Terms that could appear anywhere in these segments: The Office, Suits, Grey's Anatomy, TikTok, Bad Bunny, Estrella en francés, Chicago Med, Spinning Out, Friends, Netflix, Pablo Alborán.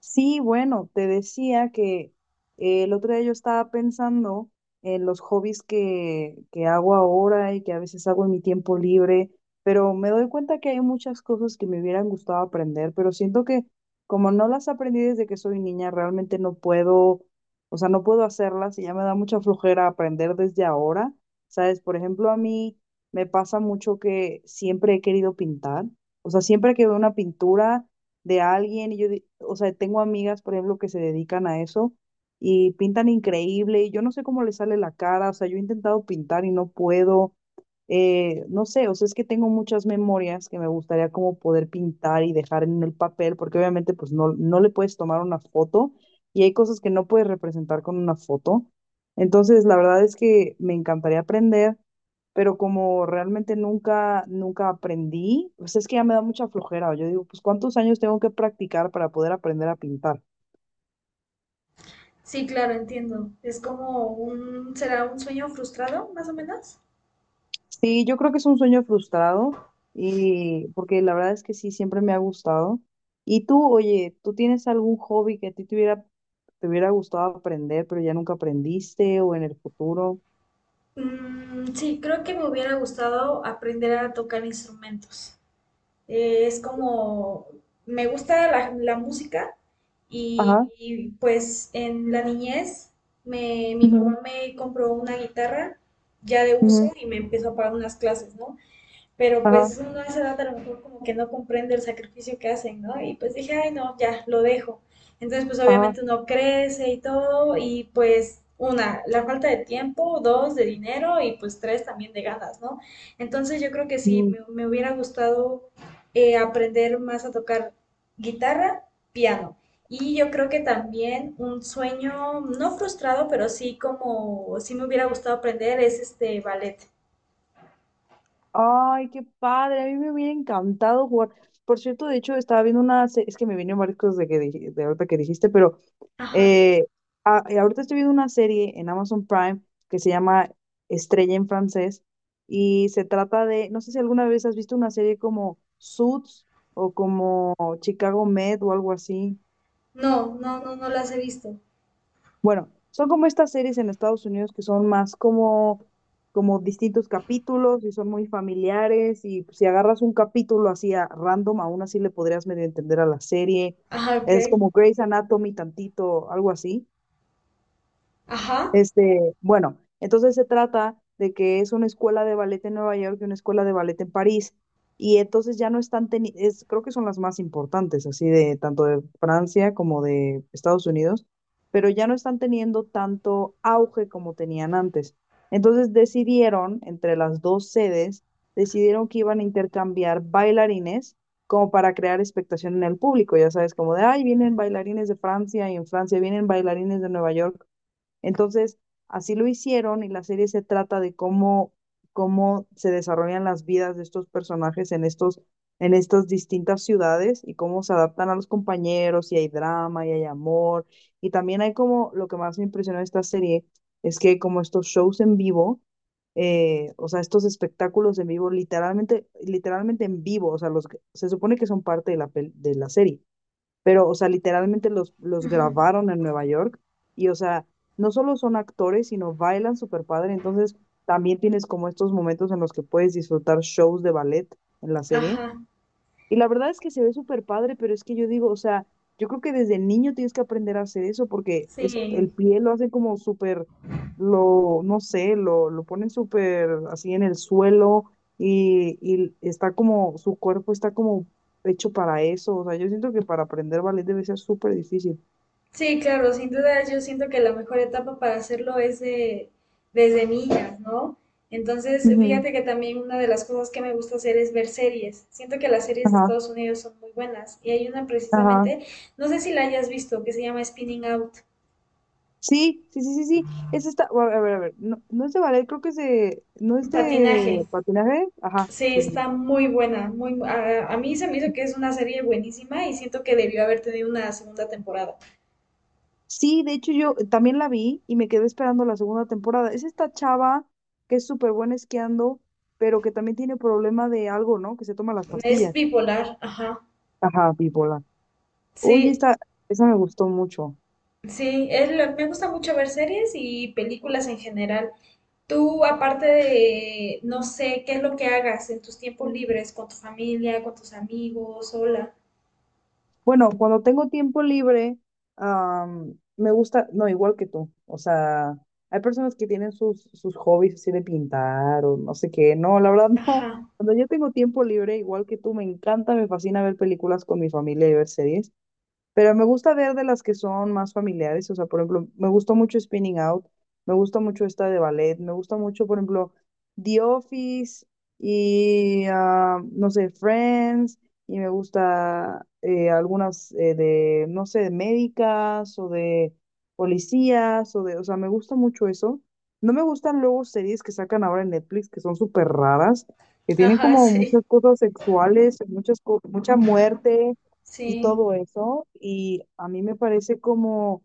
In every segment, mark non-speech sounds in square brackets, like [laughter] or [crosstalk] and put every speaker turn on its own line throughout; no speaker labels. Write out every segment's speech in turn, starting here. Sí, bueno, te decía que el otro día yo estaba pensando en los hobbies que hago ahora y que a veces hago en mi tiempo libre, pero me doy cuenta que hay muchas cosas que me hubieran gustado aprender, pero siento que como no las aprendí desde que soy niña, realmente no puedo, o sea, no puedo hacerlas y ya me da mucha flojera aprender desde ahora. ¿Sabes? Por ejemplo, a mí me pasa mucho que siempre he querido pintar, o sea, siempre que veo una pintura de alguien y yo, o sea, tengo amigas, por ejemplo, que se dedican a eso y pintan increíble y yo no sé cómo les sale la cara, o sea, yo he intentado pintar y no puedo, no sé, o sea, es que tengo muchas memorias que me gustaría como poder pintar y dejar en el papel, porque obviamente pues no, no le puedes tomar una foto y hay cosas que no puedes representar con una foto. Entonces, la verdad es que me encantaría aprender, pero como realmente nunca, nunca aprendí, pues es que ya me da mucha flojera. Yo digo, pues ¿cuántos años tengo que practicar para poder aprender a pintar?
Sí, claro, entiendo. Es como un, ¿será un sueño frustrado, más o menos?
Sí, yo creo que es un sueño frustrado, y porque la verdad es que sí, siempre me ha gustado. Y tú, oye, ¿tú tienes algún hobby que a ti te hubiera, gustado aprender, pero ya nunca aprendiste o en el futuro?
Sí, creo que me hubiera gustado aprender a tocar instrumentos. Es como, me gusta la música
Ajá,
pues en la niñez mi
ujú,
papá me compró una guitarra ya de uso
ujú,
y me empezó a pagar unas clases, ¿no? Pero
ajá,
pues uno a esa edad a lo mejor como que no comprende el sacrificio que hacen, ¿no? Y pues dije, ay, no, ya, lo dejo. Entonces, pues
ajá,
obviamente uno crece y todo, y pues una, la falta de tiempo, dos, de dinero y pues tres, también de ganas, ¿no? Entonces yo creo que sí,
ujú.
me hubiera gustado aprender más a tocar guitarra, piano. Y yo creo que también un sueño, no frustrado, pero sí como, sí me hubiera gustado aprender es este ballet.
Ay, qué padre, a mí me hubiera encantado jugar. Por cierto, de hecho, estaba viendo una, es que me vino Marcos de que de ahorita que dijiste, pero
Ajá.
eh, ahorita estoy viendo una serie en Amazon Prime que se llama Estrella en francés y se trata de, no sé si alguna vez has visto una serie como Suits o como Chicago Med o algo así.
No, no, no, no las he visto.
Bueno, son como estas series en Estados Unidos que son más como distintos capítulos y son muy familiares y pues, si agarras un capítulo así a random, aún así le podrías medio entender a la serie.
Ajá, ok.
Es como Grey's Anatomy tantito, algo así.
Ajá,
Bueno, entonces se trata de que es una escuela de ballet en Nueva York y una escuela de ballet en París. Y entonces ya no están teniendo, creo que son las más importantes, así de tanto de Francia como de Estados Unidos, pero ya no están teniendo tanto auge como tenían antes. Entonces decidieron, entre las dos sedes, decidieron que iban a intercambiar bailarines como para crear expectación en el público, ya sabes, como de, ay, vienen bailarines de Francia y en Francia vienen bailarines de Nueva York. Entonces, así lo hicieron y la serie se trata de cómo se desarrollan las vidas de estos personajes en estos, en estas distintas ciudades y cómo se adaptan a los compañeros y hay drama y hay amor. Y también hay como, lo que más me impresionó de esta serie es que como estos shows en vivo, o sea, estos espectáculos en vivo, literalmente, literalmente en vivo, o sea, los, se supone que son parte de la, de la serie, pero, o sea, literalmente los
ujú,
grabaron en Nueva York y, o sea, no solo son actores, sino bailan súper padre, entonces también tienes como estos momentos en los que puedes disfrutar shows de ballet en la serie
ajá.
y la verdad es que se ve súper padre, pero es que yo digo, o sea, yo creo que desde niño tienes que aprender a hacer eso porque es, el
Sí.
pie lo hace como súper, no sé, lo ponen súper así en el suelo y está como, su cuerpo está como hecho para eso. O sea, yo siento que para aprender ballet debe ser súper difícil.
Sí, claro, sin duda yo siento que la mejor etapa para hacerlo es de, desde niñas, ¿no? Entonces,
Ujú,
fíjate que también una de las cosas que me gusta hacer es ver series. Siento que las series de
ajá,
Estados Unidos son muy buenas y hay una
ajá.
precisamente, no sé si la hayas visto, que se llama Spinning Out,
Sí, sí, sí, sí, sí. Es esta, a ver, a ver, a ver. No, no es de ballet, creo que es de, no es
patinaje.
de patinaje. Ajá,
Sí,
sí, sí,
está
sí.
muy buena, a mí se me hizo que es una serie buenísima y siento que debió haber tenido una segunda temporada.
Sí, de hecho yo también la vi y me quedé esperando la segunda temporada. Es esta chava que es súper buena esquiando, pero que también tiene problema de algo, ¿no? Que se toma las
Es
pastillas.
bipolar, ajá.
Ajá, bipolar. Oye,
Sí,
esta, esa me gustó mucho.
sí, es me gusta mucho ver series y películas en general. Tú, aparte de, no sé, ¿qué es lo que hagas en tus tiempos libres con tu familia, con tus amigos, sola?
Bueno, cuando tengo tiempo libre, me gusta, no, igual que tú. O sea, hay personas que tienen sus, sus hobbies así de pintar o no sé qué. No, la verdad [laughs] no.
Ajá,
Cuando yo tengo tiempo libre, igual que tú, me encanta, me fascina ver películas con mi familia y ver series. Pero me gusta ver de las que son más familiares, o sea, por ejemplo, me gustó mucho Spinning Out, me gusta mucho esta de ballet, me gusta mucho, por ejemplo, The Office y, no sé, Friends, y me gusta algunas de, no sé, de médicas o de policías, o de, o sea, me gusta mucho eso. No me gustan luego series que sacan ahora en Netflix que son súper raras, que tienen
ajá,
como muchas
sí,
cosas sexuales, mucha muerte y
sí,
todo eso, y a mí me parece como,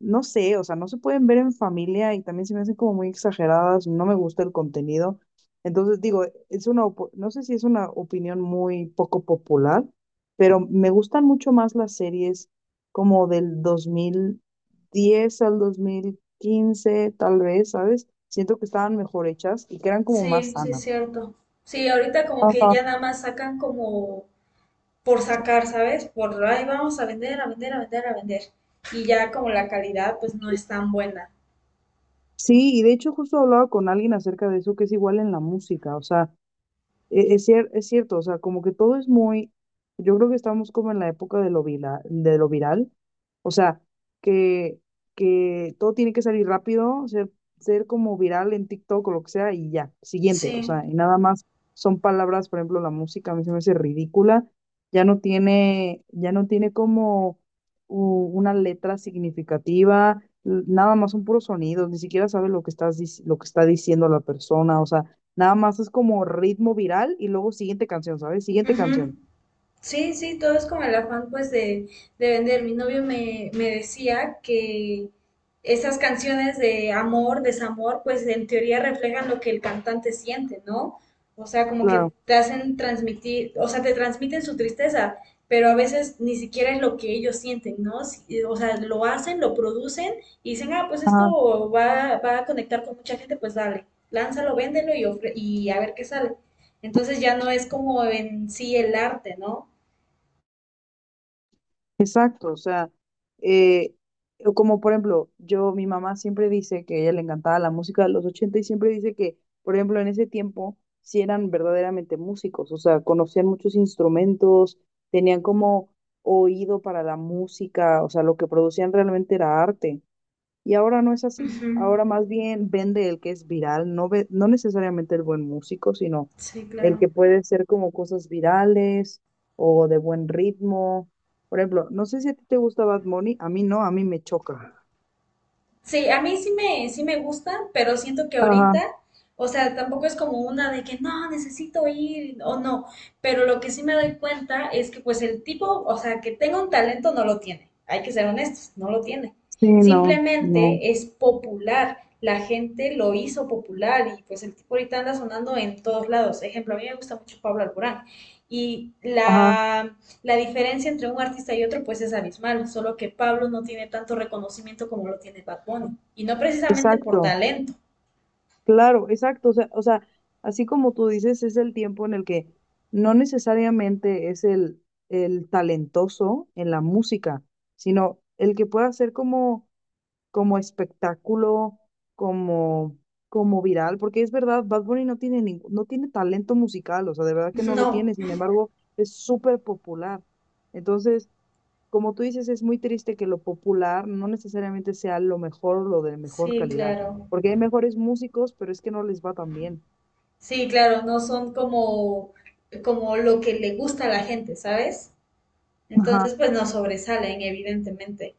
no sé, o sea, no se pueden ver en familia y también se me hacen como muy exageradas, no me gusta el contenido. Entonces digo, es una, no sé si es una opinión muy poco popular, pero me gustan mucho más las series como del 2010 al 2015 tal vez, ¿sabes? Siento que estaban mejor hechas y que eran como más
sí, sí, es
sanas.
cierto. Sí, ahorita como que
Ajá.
ya nada más sacan como por sacar, ¿sabes? Por ahí vamos a vender, a vender, a vender, a vender. Y ya como la calidad pues no es tan buena.
Sí, y de hecho justo hablaba con alguien acerca de eso, que es igual en la música, o sea, es cierto, o sea, como que todo es muy, yo creo que estamos como en la época de lo viral, o sea, que, que todo tiene que salir rápido, ser como viral en TikTok o lo que sea y ya, siguiente,
Sí.
o sea, y nada más son palabras, por ejemplo, la música a mí se me hace ridícula, ya no tiene como una letra significativa, nada más son puros sonidos, ni siquiera sabe lo que lo que está diciendo la persona, o sea, nada más es como ritmo viral y luego siguiente canción, ¿sabes? Siguiente canción.
Sí, sí, todo es como el afán pues de vender. Mi novio me decía que esas canciones de amor, desamor, pues en teoría reflejan lo que el cantante siente, ¿no? O sea, como
Claro.
que te hacen transmitir, o sea, te transmiten su tristeza, pero a veces ni siquiera es lo que ellos sienten, ¿no? Si- o sea, lo hacen, lo producen y dicen, ah, pues
Ajá.
esto va a conectar con mucha gente, pues dale, lánzalo, véndelo y, ofre- y a ver qué sale. Entonces ya no es como en sí el arte, ¿no?
Exacto, o sea, eh, como por ejemplo, mi mamá siempre dice que a ella le encantaba la música de los 80 y siempre dice que, por ejemplo, en ese tiempo sí eran verdaderamente músicos, o sea, conocían muchos instrumentos, tenían como oído para la música, o sea, lo que producían realmente era arte. Y ahora no es así.
Ujú,
Ahora más bien vende el que es viral, no necesariamente el buen músico, sino
sí,
el que
claro.
puede ser como cosas virales o de buen ritmo. Por ejemplo, no sé si a ti te gusta Bad Bunny, a mí no, a mí me choca.
Sí, a sí me gustan, pero siento que
Ajá,
ahorita, o sea, tampoco es como una de que no, necesito ir o no, pero lo que sí me doy cuenta es que pues el tipo, o sea, que tenga un talento no lo tiene, hay que ser honestos, no lo tiene.
sí, no, no.
Simplemente es popular, la gente lo hizo popular y pues el tipo ahorita anda sonando en todos lados. Ejemplo, a mí me gusta mucho Pablo Alborán y
Ajá,
la diferencia entre un artista y otro pues es abismal, solo que Pablo no tiene tanto reconocimiento como lo tiene Bad Bunny, y no precisamente por
exacto,
talento.
claro, exacto. O sea, así como tú dices, es el tiempo en el que no necesariamente es el talentoso en la música, sino el que pueda ser como como espectáculo, como, como viral, porque es verdad, Bad Bunny no tiene talento musical, o sea, de verdad que
[laughs]
no lo
No.
tiene, sin embargo, es súper popular. Entonces, como tú dices, es muy triste que lo popular no necesariamente sea lo mejor o lo de mejor
Sí,
calidad,
claro.
porque hay mejores músicos, pero es que no les va tan bien.
Sí, claro, no son como como lo que le gusta a la gente, ¿sabes?
Ajá.
Entonces pues no sobresalen evidentemente.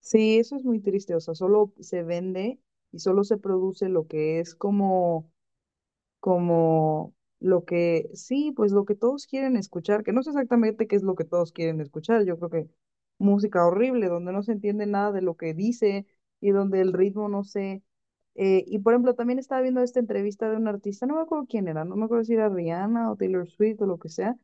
Sí, eso es muy triste, o sea, solo se vende y solo se produce lo que es como sí, pues lo que todos quieren escuchar, que no sé exactamente qué es lo que todos quieren escuchar, yo creo que música horrible, donde no se entiende nada de lo que dice y donde el ritmo no sé. Y por ejemplo, también estaba viendo esta entrevista de un artista, no me acuerdo quién era, no me acuerdo si era Rihanna o Taylor Swift o lo que sea,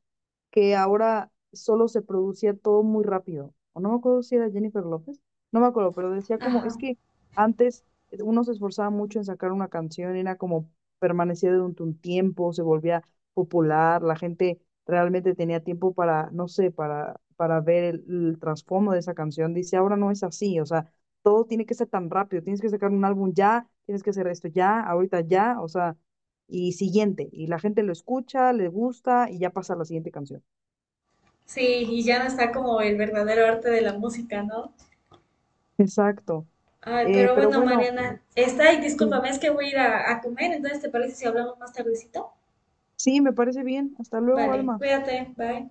que ahora solo se producía todo muy rápido. O no me acuerdo si era Jennifer López, no me acuerdo, pero decía como,
Ajá.
es que antes uno se esforzaba mucho en sacar una canción, era como permanecía durante un tiempo, se volvía popular, la gente realmente tenía tiempo para, no sé, para ver el trasfondo de esa canción. Dice, ahora no es así, o sea, todo tiene que ser tan rápido, tienes que sacar un álbum ya, tienes que hacer esto ya, ahorita ya, o sea, y siguiente, y la gente lo escucha, le gusta y ya pasa a la siguiente canción.
Sí, y ya no está como el verdadero arte de la música, ¿no?
Exacto.
Ay, pero
Pero
bueno,
bueno,
Mariana, está y
sí,
discúlpame, es que voy a ir a comer, entonces ¿te parece si hablamos más tardecito?
sí, me parece bien. Hasta luego,
Vale,
Alma.
cuídate, bye.